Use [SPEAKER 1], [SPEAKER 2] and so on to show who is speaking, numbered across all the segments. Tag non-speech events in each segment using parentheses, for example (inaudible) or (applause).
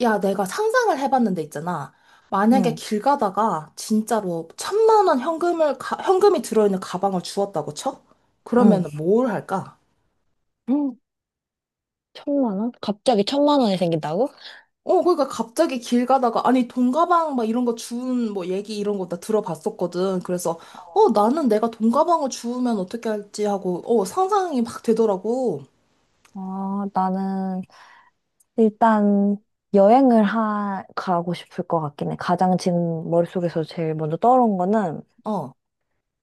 [SPEAKER 1] 야, 내가 상상을 해봤는데 있잖아. 만약에
[SPEAKER 2] 응,
[SPEAKER 1] 길 가다가 진짜로 천만 원 현금을, 현금이 들어있는 가방을 주웠다고 쳐?
[SPEAKER 2] 응.
[SPEAKER 1] 그러면 뭘 할까?
[SPEAKER 2] 음, 천만 원? 갑자기 천만 원이 생긴다고?
[SPEAKER 1] 그러니까 갑자기 길 가다가, 아니, 돈 가방 막 이런 거 주운 뭐 얘기 이런 거 나 들어봤었거든. 그래서,
[SPEAKER 2] 어.
[SPEAKER 1] 나는 내가 돈 가방을 주우면 어떻게 할지 하고, 상상이 막 되더라고.
[SPEAKER 2] 아, 나는 일단 여행을 가고 싶을 것 같긴 해. 가장 지금 머릿속에서 제일 먼저 떠오른 거는
[SPEAKER 1] 어,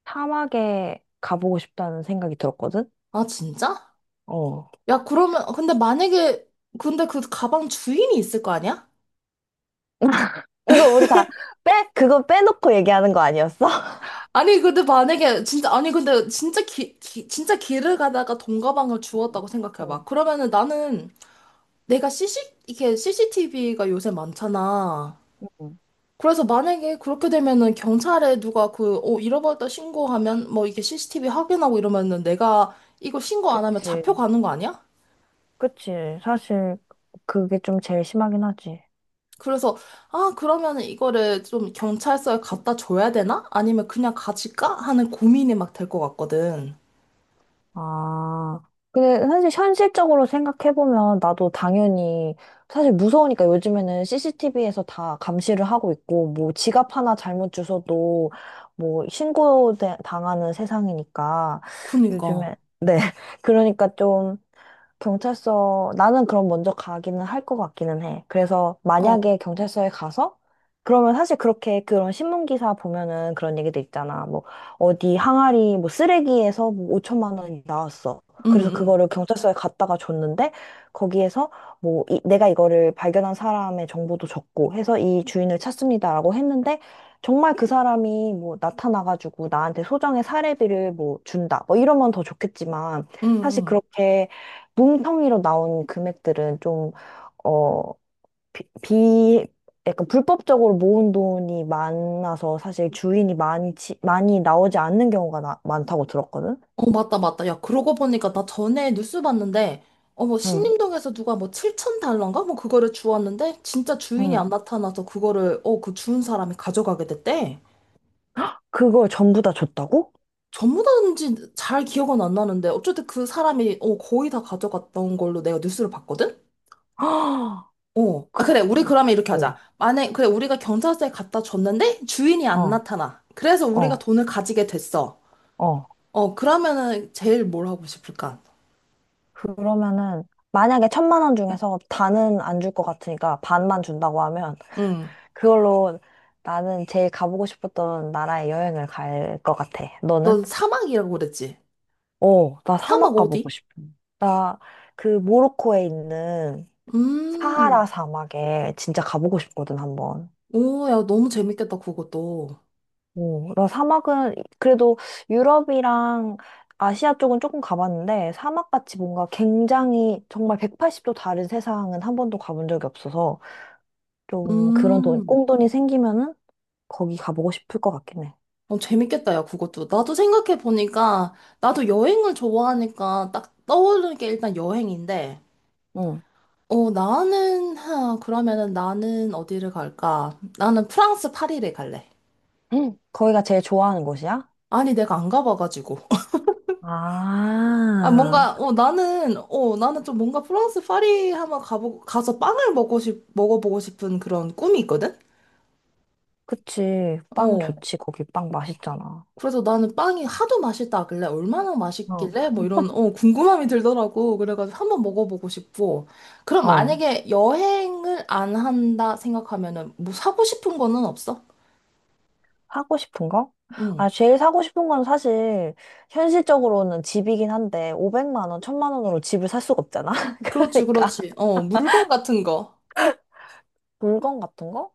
[SPEAKER 2] 사막에 가보고 싶다는 생각이 들었거든?
[SPEAKER 1] 아, 진짜?
[SPEAKER 2] 어.
[SPEAKER 1] 야, 그러면, 근데 만약에, 근데 그 가방 주인이 있을 거 아니야?
[SPEAKER 2] 그거 우리 다 그거 빼놓고 얘기하는 거 아니었어?
[SPEAKER 1] 아니 근데 만약에 진짜 아니 근데 진짜 진짜 길을 가다가 돈 가방을 주웠다고
[SPEAKER 2] 응 응
[SPEAKER 1] 생각해봐. 그러면은 나는 내가 CC 이게 CCTV가 요새 많잖아.
[SPEAKER 2] 응
[SPEAKER 1] 그래서 만약에 그렇게 되면은 경찰에 누가 그 잃어버렸다 신고하면 뭐 이게 CCTV 확인하고 이러면은 내가 이거 신고 안 하면
[SPEAKER 2] 그치,
[SPEAKER 1] 잡혀가는 거 아니야?
[SPEAKER 2] 그치. 사실 그게 좀 제일 심하긴 하지.
[SPEAKER 1] 그래서 아 그러면은 이거를 좀 경찰서에 갖다 줘야 되나? 아니면 그냥 가질까? 하는 고민이 막 될 것 같거든.
[SPEAKER 2] 아, 근데 사실 현실적으로 생각해보면 나도 당연히 사실 무서우니까 요즘에는 CCTV에서 다 감시를 하고 있고 뭐 지갑 하나 잘못 주워도 뭐 신고 당하는 세상이니까
[SPEAKER 1] 그니까.
[SPEAKER 2] 요즘에 네 (laughs) 그러니까 경찰서, 나는 그럼 먼저 가기는 할 것 같기는 해. 그래서
[SPEAKER 1] 어,
[SPEAKER 2] 만약에 경찰서에 가서, 그러면 사실 그렇게 그런 신문기사 보면은 그런 얘기도 있잖아. 뭐, 어디 항아리, 뭐, 쓰레기에서 뭐 5천만 원이 나왔어.
[SPEAKER 1] 응,
[SPEAKER 2] 그래서
[SPEAKER 1] 응.
[SPEAKER 2] 그거를 경찰서에 갔다가 줬는데, 거기에서 뭐, 내가 이거를 발견한 사람의 정보도 적고 해서 이 주인을 찾습니다라고 했는데, 정말 그 사람이 뭐 나타나가지고 나한테 소정의 사례비를 뭐 준다. 뭐 이러면 더 좋겠지만,
[SPEAKER 1] 응,
[SPEAKER 2] 사실
[SPEAKER 1] 응.
[SPEAKER 2] 그렇게 뭉텅이로 나온 금액들은 좀, 어, 비, 비- 약간 불법적으로 모은 돈이 많아서 사실 주인이 많이, 많이 나오지 않는 경우가 많다고 들었거든?
[SPEAKER 1] 어, 맞다, 맞다. 야, 그러고 보니까 나 전에 뉴스 봤는데, 어, 뭐,
[SPEAKER 2] 응,
[SPEAKER 1] 신림동에서 누가 뭐, 칠천 달러인가? 뭐, 그거를 주웠는데, 진짜 주인이
[SPEAKER 2] 응.
[SPEAKER 1] 안 나타나서 그거를, 그 주운 사람이 가져가게 됐대.
[SPEAKER 2] 그걸 전부 다 줬다고?
[SPEAKER 1] 전부 다인지 잘 기억은 안 나는데, 어쨌든 그 사람이, 거의 다 가져갔던 걸로 내가 뉴스를 봤거든?
[SPEAKER 2] (gasps) 아,
[SPEAKER 1] 어. 아,
[SPEAKER 2] 그,
[SPEAKER 1] 그래, 우리 그러면 이렇게
[SPEAKER 2] 어,
[SPEAKER 1] 하자. 만약, 그래, 우리가 경찰서에 갖다 줬는데, 주인이 안
[SPEAKER 2] 어,
[SPEAKER 1] 나타나. 그래서 우리가
[SPEAKER 2] 어,
[SPEAKER 1] 돈을 가지게 됐어.
[SPEAKER 2] 어.
[SPEAKER 1] 어, 그러면은, 제일 뭘 하고 싶을까?
[SPEAKER 2] 그러면은, 만약에 천만 원 중에서 다는 안 줄 것 같으니까 반만 준다고 하면,
[SPEAKER 1] 응.
[SPEAKER 2] 그걸로 나는 제일 가보고 싶었던 나라에 여행을 갈 것 같아. 너는?
[SPEAKER 1] 넌 사막이라고 그랬지?
[SPEAKER 2] 어, 나
[SPEAKER 1] 사막
[SPEAKER 2] 사막 가보고
[SPEAKER 1] 어디?
[SPEAKER 2] 싶어. 나 그 모로코에 있는 사하라
[SPEAKER 1] 음,
[SPEAKER 2] 사막에 진짜 가보고 싶거든, 한번.
[SPEAKER 1] 오, 야, 너무 재밌겠다, 그것도.
[SPEAKER 2] 어, 나 사막은 그래도 유럽이랑 아시아 쪽은 조금 가봤는데 사막같이 뭔가 굉장히 정말 180도 다른 세상은 한 번도 가본 적이 없어서 좀 그런 돈,
[SPEAKER 1] 음,
[SPEAKER 2] 꽁돈이 생기면은 거기 가보고 싶을 것 같긴 해.
[SPEAKER 1] 어, 재밌겠다, 야, 그것도. 나도 생각해보니까, 나도 여행을 좋아하니까 딱 떠오르는 게 일단 여행인데,
[SPEAKER 2] 응.
[SPEAKER 1] 나는, 하, 그러면은 나는 어디를 갈까? 나는 프랑스 파리를 갈래.
[SPEAKER 2] 응. 거기가 제일 좋아하는 곳이야?
[SPEAKER 1] 아니, 내가 안 가봐가지고. (laughs) 아,
[SPEAKER 2] 아.
[SPEAKER 1] 뭔가, 나는, 나는 좀 뭔가 프랑스 파리 한번 가서 빵을 먹어보고 싶은 그런 꿈이 있거든?
[SPEAKER 2] 그치. 빵
[SPEAKER 1] 어.
[SPEAKER 2] 좋지. 거기 빵 맛있잖아.
[SPEAKER 1] 그래서 나는 빵이 하도 맛있다길래 얼마나
[SPEAKER 2] 어,
[SPEAKER 1] 맛있길래 뭐 이런 궁금함이 들더라고. 그래가지고 한번 먹어보고 싶고. 그럼
[SPEAKER 2] 어.
[SPEAKER 1] 만약에 여행을 안 한다 생각하면은 뭐 사고 싶은 거는 없어?
[SPEAKER 2] 사고 싶은 거?
[SPEAKER 1] 응.
[SPEAKER 2] 아, 제일 사고 싶은 건 사실, 현실적으로는 집이긴 한데, 500만 원, 1000만 원으로 집을 살 수가 없잖아. (laughs)
[SPEAKER 1] 그렇지,
[SPEAKER 2] 그러니까.
[SPEAKER 1] 그렇지. 어, 물건 같은 거.
[SPEAKER 2] 물건 같은 거?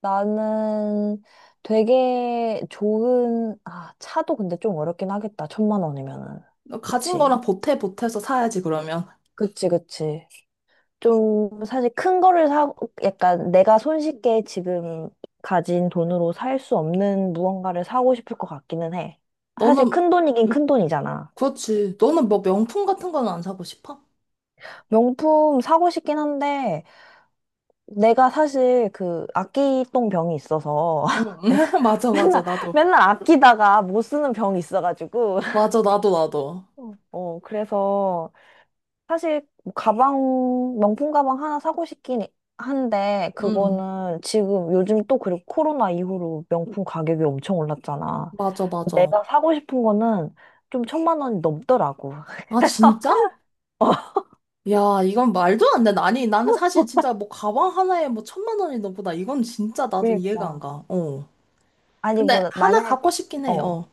[SPEAKER 2] 나는 되게 좋은, 아, 차도 근데 좀 어렵긴 하겠다. 1000만 원이면은.
[SPEAKER 1] 너 가진
[SPEAKER 2] 그치.
[SPEAKER 1] 거랑 보태 보태서 사야지 그러면.
[SPEAKER 2] 그치, 그치. 좀 사실 큰 거를 사고 약간 내가 손쉽게 지금 가진 돈으로 살 수 없는 무언가를 사고 싶을 것 같기는 해. 사실
[SPEAKER 1] 너는
[SPEAKER 2] 큰 돈이긴 큰 돈이잖아.
[SPEAKER 1] 그렇지. 너는 뭐 명품 같은 거는 안 사고 싶어?
[SPEAKER 2] 명품 사고 싶긴 한데 내가 사실 그 아끼똥 병이 있어서
[SPEAKER 1] 응.
[SPEAKER 2] (laughs) 내가
[SPEAKER 1] (laughs) 맞아, 맞아.
[SPEAKER 2] 맨날
[SPEAKER 1] 나도.
[SPEAKER 2] 맨날 아끼다가 못 쓰는 병이 있어가지고
[SPEAKER 1] 맞아, 나도, 나도.
[SPEAKER 2] (laughs) 어 그래서 사실 뭐 가방 명품 가방 하나 사고 싶긴 한데
[SPEAKER 1] 응.
[SPEAKER 2] 그거는 지금 요즘 또 그리고 코로나 이후로 명품 가격이 엄청 올랐잖아.
[SPEAKER 1] 맞아, 맞아.
[SPEAKER 2] 내가 사고 싶은 거는 좀 천만 원이 넘더라고. (laughs)
[SPEAKER 1] 아,
[SPEAKER 2] 그래서
[SPEAKER 1] 진짜?
[SPEAKER 2] 어,
[SPEAKER 1] 야, 이건 말도 안 돼. 아니, 나는 사실 진짜 뭐 가방 하나에 뭐 천만 원이 넘보다 이건 진짜 나도 이해가 안
[SPEAKER 2] 그러니까.
[SPEAKER 1] 가. 어.
[SPEAKER 2] 아니
[SPEAKER 1] 근데
[SPEAKER 2] 뭐
[SPEAKER 1] 하나
[SPEAKER 2] 만약에
[SPEAKER 1] 갖고 싶긴 해.
[SPEAKER 2] 어
[SPEAKER 1] 어.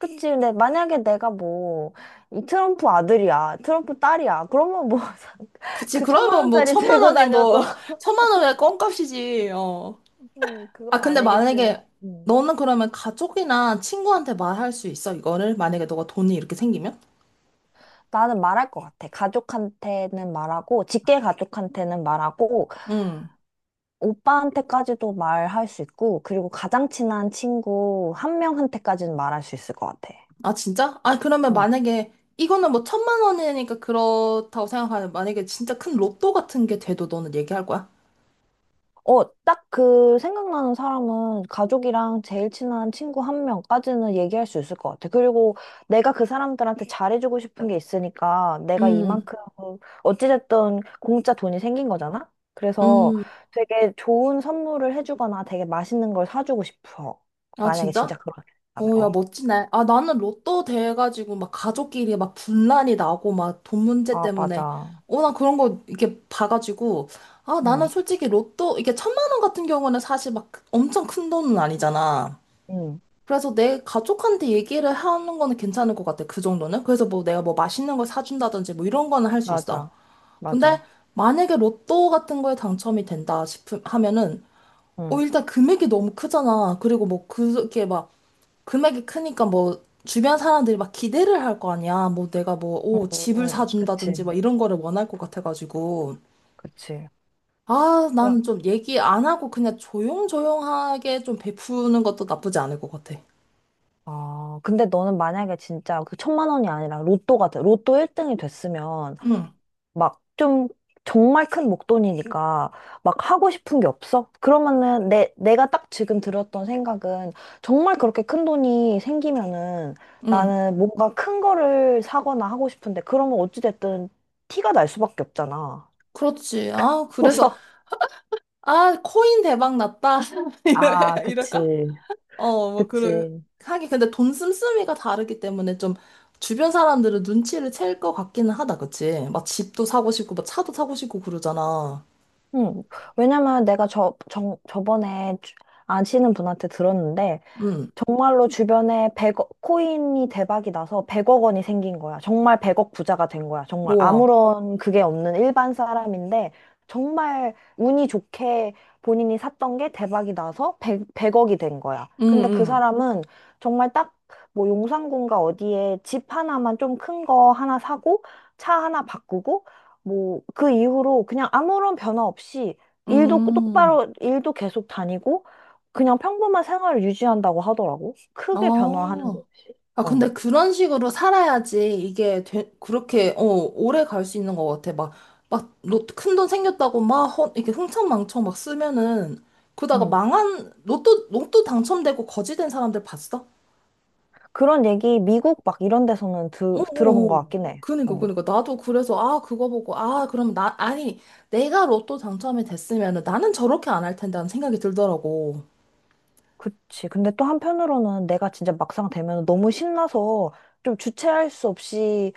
[SPEAKER 2] 그치 근데 만약에 내가 뭐 이 트럼프 아들이야 트럼프 딸이야 그러면 뭐
[SPEAKER 1] 그치.
[SPEAKER 2] 그 (laughs) 천만
[SPEAKER 1] 그러면 뭐
[SPEAKER 2] 원짜리
[SPEAKER 1] 천만
[SPEAKER 2] 들고
[SPEAKER 1] 원이 뭐
[SPEAKER 2] 다녀도
[SPEAKER 1] (laughs) 천만 원의 껌값이지. 어.
[SPEAKER 2] (laughs)
[SPEAKER 1] 아,
[SPEAKER 2] 그건
[SPEAKER 1] 근데 만약에
[SPEAKER 2] 아니겠지만
[SPEAKER 1] 너는 그러면 가족이나 친구한테 말할 수 있어? 이거를? 만약에 너가 돈이 이렇게 생기면?
[SPEAKER 2] 나는 말할 것 같아. 가족한테는 말하고, 직계 가족한테는 말하고,
[SPEAKER 1] 응.
[SPEAKER 2] 오빠한테까지도 말할 수 있고, 그리고 가장 친한 친구 한 명한테까지는 말할 수 있을 것 같아.
[SPEAKER 1] 아, 진짜? 아, 그러면 만약에 이거는 뭐 천만 원이니까 그렇다고 생각하는데 만약에 진짜 큰 로또 같은 게 돼도 너는 얘기할 거야?
[SPEAKER 2] 어, 딱 그 생각나는 사람은 가족이랑 제일 친한 친구 한 명까지는 얘기할 수 있을 것 같아. 그리고 내가 그 사람들한테 잘해주고 싶은 게 있으니까 내가
[SPEAKER 1] 음.
[SPEAKER 2] 이만큼 어찌됐든 공짜 돈이 생긴 거잖아? 그래서
[SPEAKER 1] 음.
[SPEAKER 2] 되게 좋은 선물을 해주거나 되게 맛있는 걸 사주고 싶어.
[SPEAKER 1] 아,
[SPEAKER 2] 만약에
[SPEAKER 1] 진짜?
[SPEAKER 2] 진짜 그렇게 된다면.
[SPEAKER 1] 어, 야,
[SPEAKER 2] 어.
[SPEAKER 1] 멋지네. 아, 나는 로또 돼가지고 막 가족끼리 막 분란이 나고 막 돈 문제
[SPEAKER 2] 아,
[SPEAKER 1] 때문에.
[SPEAKER 2] 맞아.
[SPEAKER 1] 어, 나 그런 거 이렇게 봐가지고. 아, 나는
[SPEAKER 2] 응,
[SPEAKER 1] 솔직히 로또, 이게 천만 원 같은 경우는 사실 막 엄청 큰 돈은 아니잖아.
[SPEAKER 2] 응,
[SPEAKER 1] 그래서 내 가족한테 얘기를 하는 거는 괜찮을 것 같아. 그 정도는. 그래서 뭐 내가 뭐 맛있는 걸 사준다든지 뭐 이런 거는 할 수 있어.
[SPEAKER 2] 맞아.
[SPEAKER 1] 근데
[SPEAKER 2] 맞아.
[SPEAKER 1] 만약에 로또 같은 거에 당첨이 된다 싶음 하면은
[SPEAKER 2] 응,
[SPEAKER 1] 일단 금액이 너무 크잖아. 그리고 뭐 그게 막 금액이 크니까 뭐 주변 사람들이 막 기대를 할 거 아니야. 뭐 내가 뭐, 오,
[SPEAKER 2] 응,
[SPEAKER 1] 집을
[SPEAKER 2] 응. 그치,
[SPEAKER 1] 사준다든지 막 이런 거를 원할 것 같아가지고.
[SPEAKER 2] 그치.
[SPEAKER 1] 아, 나는 좀 얘기 안 하고 그냥 조용조용하게 좀 베푸는 것도 나쁘지 않을 것 같아.
[SPEAKER 2] 아, 근데 너는 만약에 진짜 그 천만 원이 아니라 로또 같아. 로또 1등이 됐으면
[SPEAKER 1] 응,
[SPEAKER 2] 막 좀 정말 큰 목돈이니까 막 하고 싶은 게 없어? 그러면은 내가 딱 지금 들었던 생각은 정말 그렇게 큰 돈이 생기면은
[SPEAKER 1] 응.
[SPEAKER 2] 나는 뭔가 큰 거를 사거나 하고 싶은데 그러면 어찌됐든 티가 날 수밖에 없잖아.
[SPEAKER 1] 그렇지. 아, 그래서,
[SPEAKER 2] 그래서
[SPEAKER 1] 아, 코인 대박 났다. (laughs)
[SPEAKER 2] (laughs) 아,
[SPEAKER 1] 이럴까?
[SPEAKER 2] 그치.
[SPEAKER 1] 어, 뭐, 그래.
[SPEAKER 2] 그치.
[SPEAKER 1] 하긴, 근데 돈 씀씀이가 다르기 때문에 좀 주변 사람들은 눈치를 챌 것 같기는 하다, 그치? 막 집도 사고 싶고, 막 차도 사고 싶고 그러잖아.
[SPEAKER 2] 음, 왜냐면 내가 저번에 아시는 분한테 들었는데,
[SPEAKER 1] 응.
[SPEAKER 2] 정말로 주변에 100억, 코인이 대박이 나서 100억 원이 생긴 거야. 정말 100억 부자가 된 거야. 정말
[SPEAKER 1] 우와.
[SPEAKER 2] 아무런 그게 없는 일반 사람인데, 정말 운이 좋게 본인이 샀던 게 대박이 나서 100, 억이 된 거야.
[SPEAKER 1] 응
[SPEAKER 2] 근데 그
[SPEAKER 1] 응
[SPEAKER 2] 사람은 정말 딱 뭐 용산군가 어디에 집 하나만 좀 큰 거 하나 사고, 차 하나 바꾸고, 뭐 그 이후로 그냥 아무런 변화 없이 일도
[SPEAKER 1] 음.
[SPEAKER 2] 똑바로, 일도 계속 다니고, 그냥 평범한 생활을 유지한다고 하더라고. 크게
[SPEAKER 1] 아,
[SPEAKER 2] 변화하는 게 없이.
[SPEAKER 1] 아, 근데
[SPEAKER 2] 어.
[SPEAKER 1] 그런 식으로 살아야지 이게 되, 그렇게, 오래 갈 수 있는 것 같아. 막, 막, 로또 큰돈 생겼다고 막, 허, 이렇게 흥청망청 막 쓰면은, 그러다가
[SPEAKER 2] 응.
[SPEAKER 1] 망한, 로또 당첨되고 거지된 사람들 봤어?
[SPEAKER 2] 그런 얘기 미국 막 이런 데서는
[SPEAKER 1] 어, 어,
[SPEAKER 2] 들어본 것
[SPEAKER 1] 어.
[SPEAKER 2] 같긴 해.
[SPEAKER 1] 그니까,
[SPEAKER 2] 어.
[SPEAKER 1] 그니까. 나도 그래서, 아, 그거 보고, 아, 그럼 나, 아니, 내가 로또 당첨이 됐으면은 나는 저렇게 안 할 텐데 하는 생각이 들더라고.
[SPEAKER 2] 그치. 근데 또 한편으로는 내가 진짜 막상 되면 너무 신나서 좀 주체할 수 없이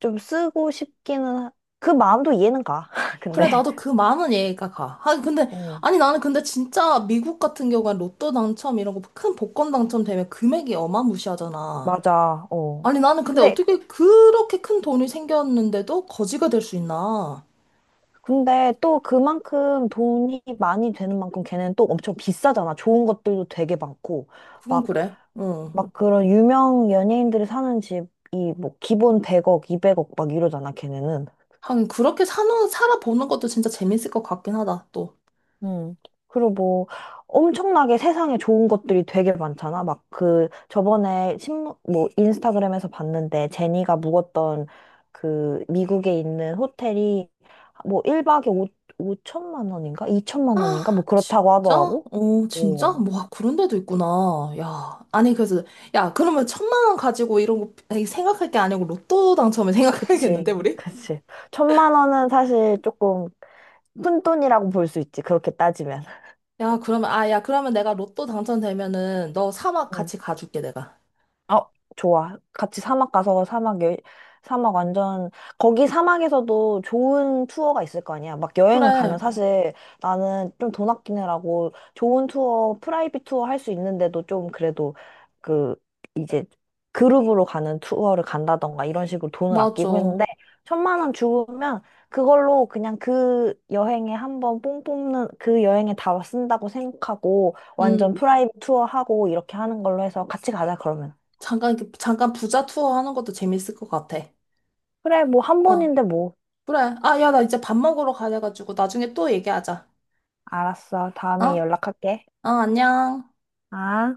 [SPEAKER 2] 좀 쓰고 싶기는 그 마음도 이해는 가. (laughs)
[SPEAKER 1] 그래,
[SPEAKER 2] 근데
[SPEAKER 1] 나도 그 많은 얘기가 가. 아, 근데,
[SPEAKER 2] 어.
[SPEAKER 1] 아니, 나는 근데 진짜 미국 같은 경우엔 로또 당첨 이런 거 큰 복권 당첨되면 금액이 어마무시하잖아.
[SPEAKER 2] 맞아. 어.
[SPEAKER 1] 아니, 나는 근데
[SPEAKER 2] 근데
[SPEAKER 1] 어떻게 그렇게 큰 돈이 생겼는데도 거지가 될 수 있나?
[SPEAKER 2] 근데 또 그만큼 돈이 많이 되는 만큼 걔는 또 엄청 비싸잖아. 좋은 것들도 되게 많고.
[SPEAKER 1] 그건
[SPEAKER 2] 막
[SPEAKER 1] 그래. 응.
[SPEAKER 2] 막 그런 유명 연예인들이 사는 집이 뭐 기본 100억, 200억 막 이러잖아, 걔네는.
[SPEAKER 1] 하긴, 그렇게 사는, 살아보는 것도 진짜 재밌을 것 같긴 하다, 또.
[SPEAKER 2] 음. 그리고 뭐 엄청나게 세상에 좋은 것들이 되게 많잖아. 막 그 저번에 신문 뭐 인스타그램에서 봤는데 제니가 묵었던 그 미국에 있는 호텔이 뭐 1박에 5천만 원인가? 2천만 원인가?
[SPEAKER 1] 아,
[SPEAKER 2] 뭐 그렇다고
[SPEAKER 1] 진짜?
[SPEAKER 2] 하더라고.
[SPEAKER 1] 어, 진짜?
[SPEAKER 2] 오,
[SPEAKER 1] 뭐, 그런 데도 있구나. 야, 아니, 그래서, 야, 그러면 천만 원 가지고 이런 거 생각할 게 아니고 로또 당첨을 (laughs) 생각해야겠는데,
[SPEAKER 2] 그치,
[SPEAKER 1] 우리?
[SPEAKER 2] 그치. 천만 원은 사실 조금 푼돈이라고 볼 수 있지. 그렇게 따지면.
[SPEAKER 1] 야, 그러면, 아, 야, 그러면 내가 로또 당첨되면은 너 사막 같이 가줄게, 내가.
[SPEAKER 2] 어, 좋아. 같이 사막 가서 사막, 사막 완전, 거기 사막에서도 좋은 투어가 있을 거 아니야. 막 여행을
[SPEAKER 1] 그래,
[SPEAKER 2] 가면 사실 나는 좀 돈 아끼느라고 좋은 투어, 프라이빗 투어 할 수 있는데도 좀 그래도 그, 이제 그룹으로 가는 투어를 간다던가 이런 식으로 돈을 아끼고
[SPEAKER 1] 맞아.
[SPEAKER 2] 했는데, 천만 원 주면 그걸로 그냥 그 여행에 한번 뽕 뽑는, 그 여행에 다 쓴다고 생각하고
[SPEAKER 1] 음,
[SPEAKER 2] 완전 프라이빗 투어 하고 이렇게 하는 걸로 해서 같이 가자, 그러면.
[SPEAKER 1] 잠깐 부자 투어 하는 것도 재밌을 것 같아.
[SPEAKER 2] 그래, 뭐 한
[SPEAKER 1] 어,
[SPEAKER 2] 번인데 뭐.
[SPEAKER 1] 그래. 아, 야, 나 이제 밥 먹으러 가야 돼가지고 나중에 또 얘기하자.
[SPEAKER 2] 알았어.
[SPEAKER 1] 어?
[SPEAKER 2] 다음에 연락할게.
[SPEAKER 1] 어, 안녕.
[SPEAKER 2] 아.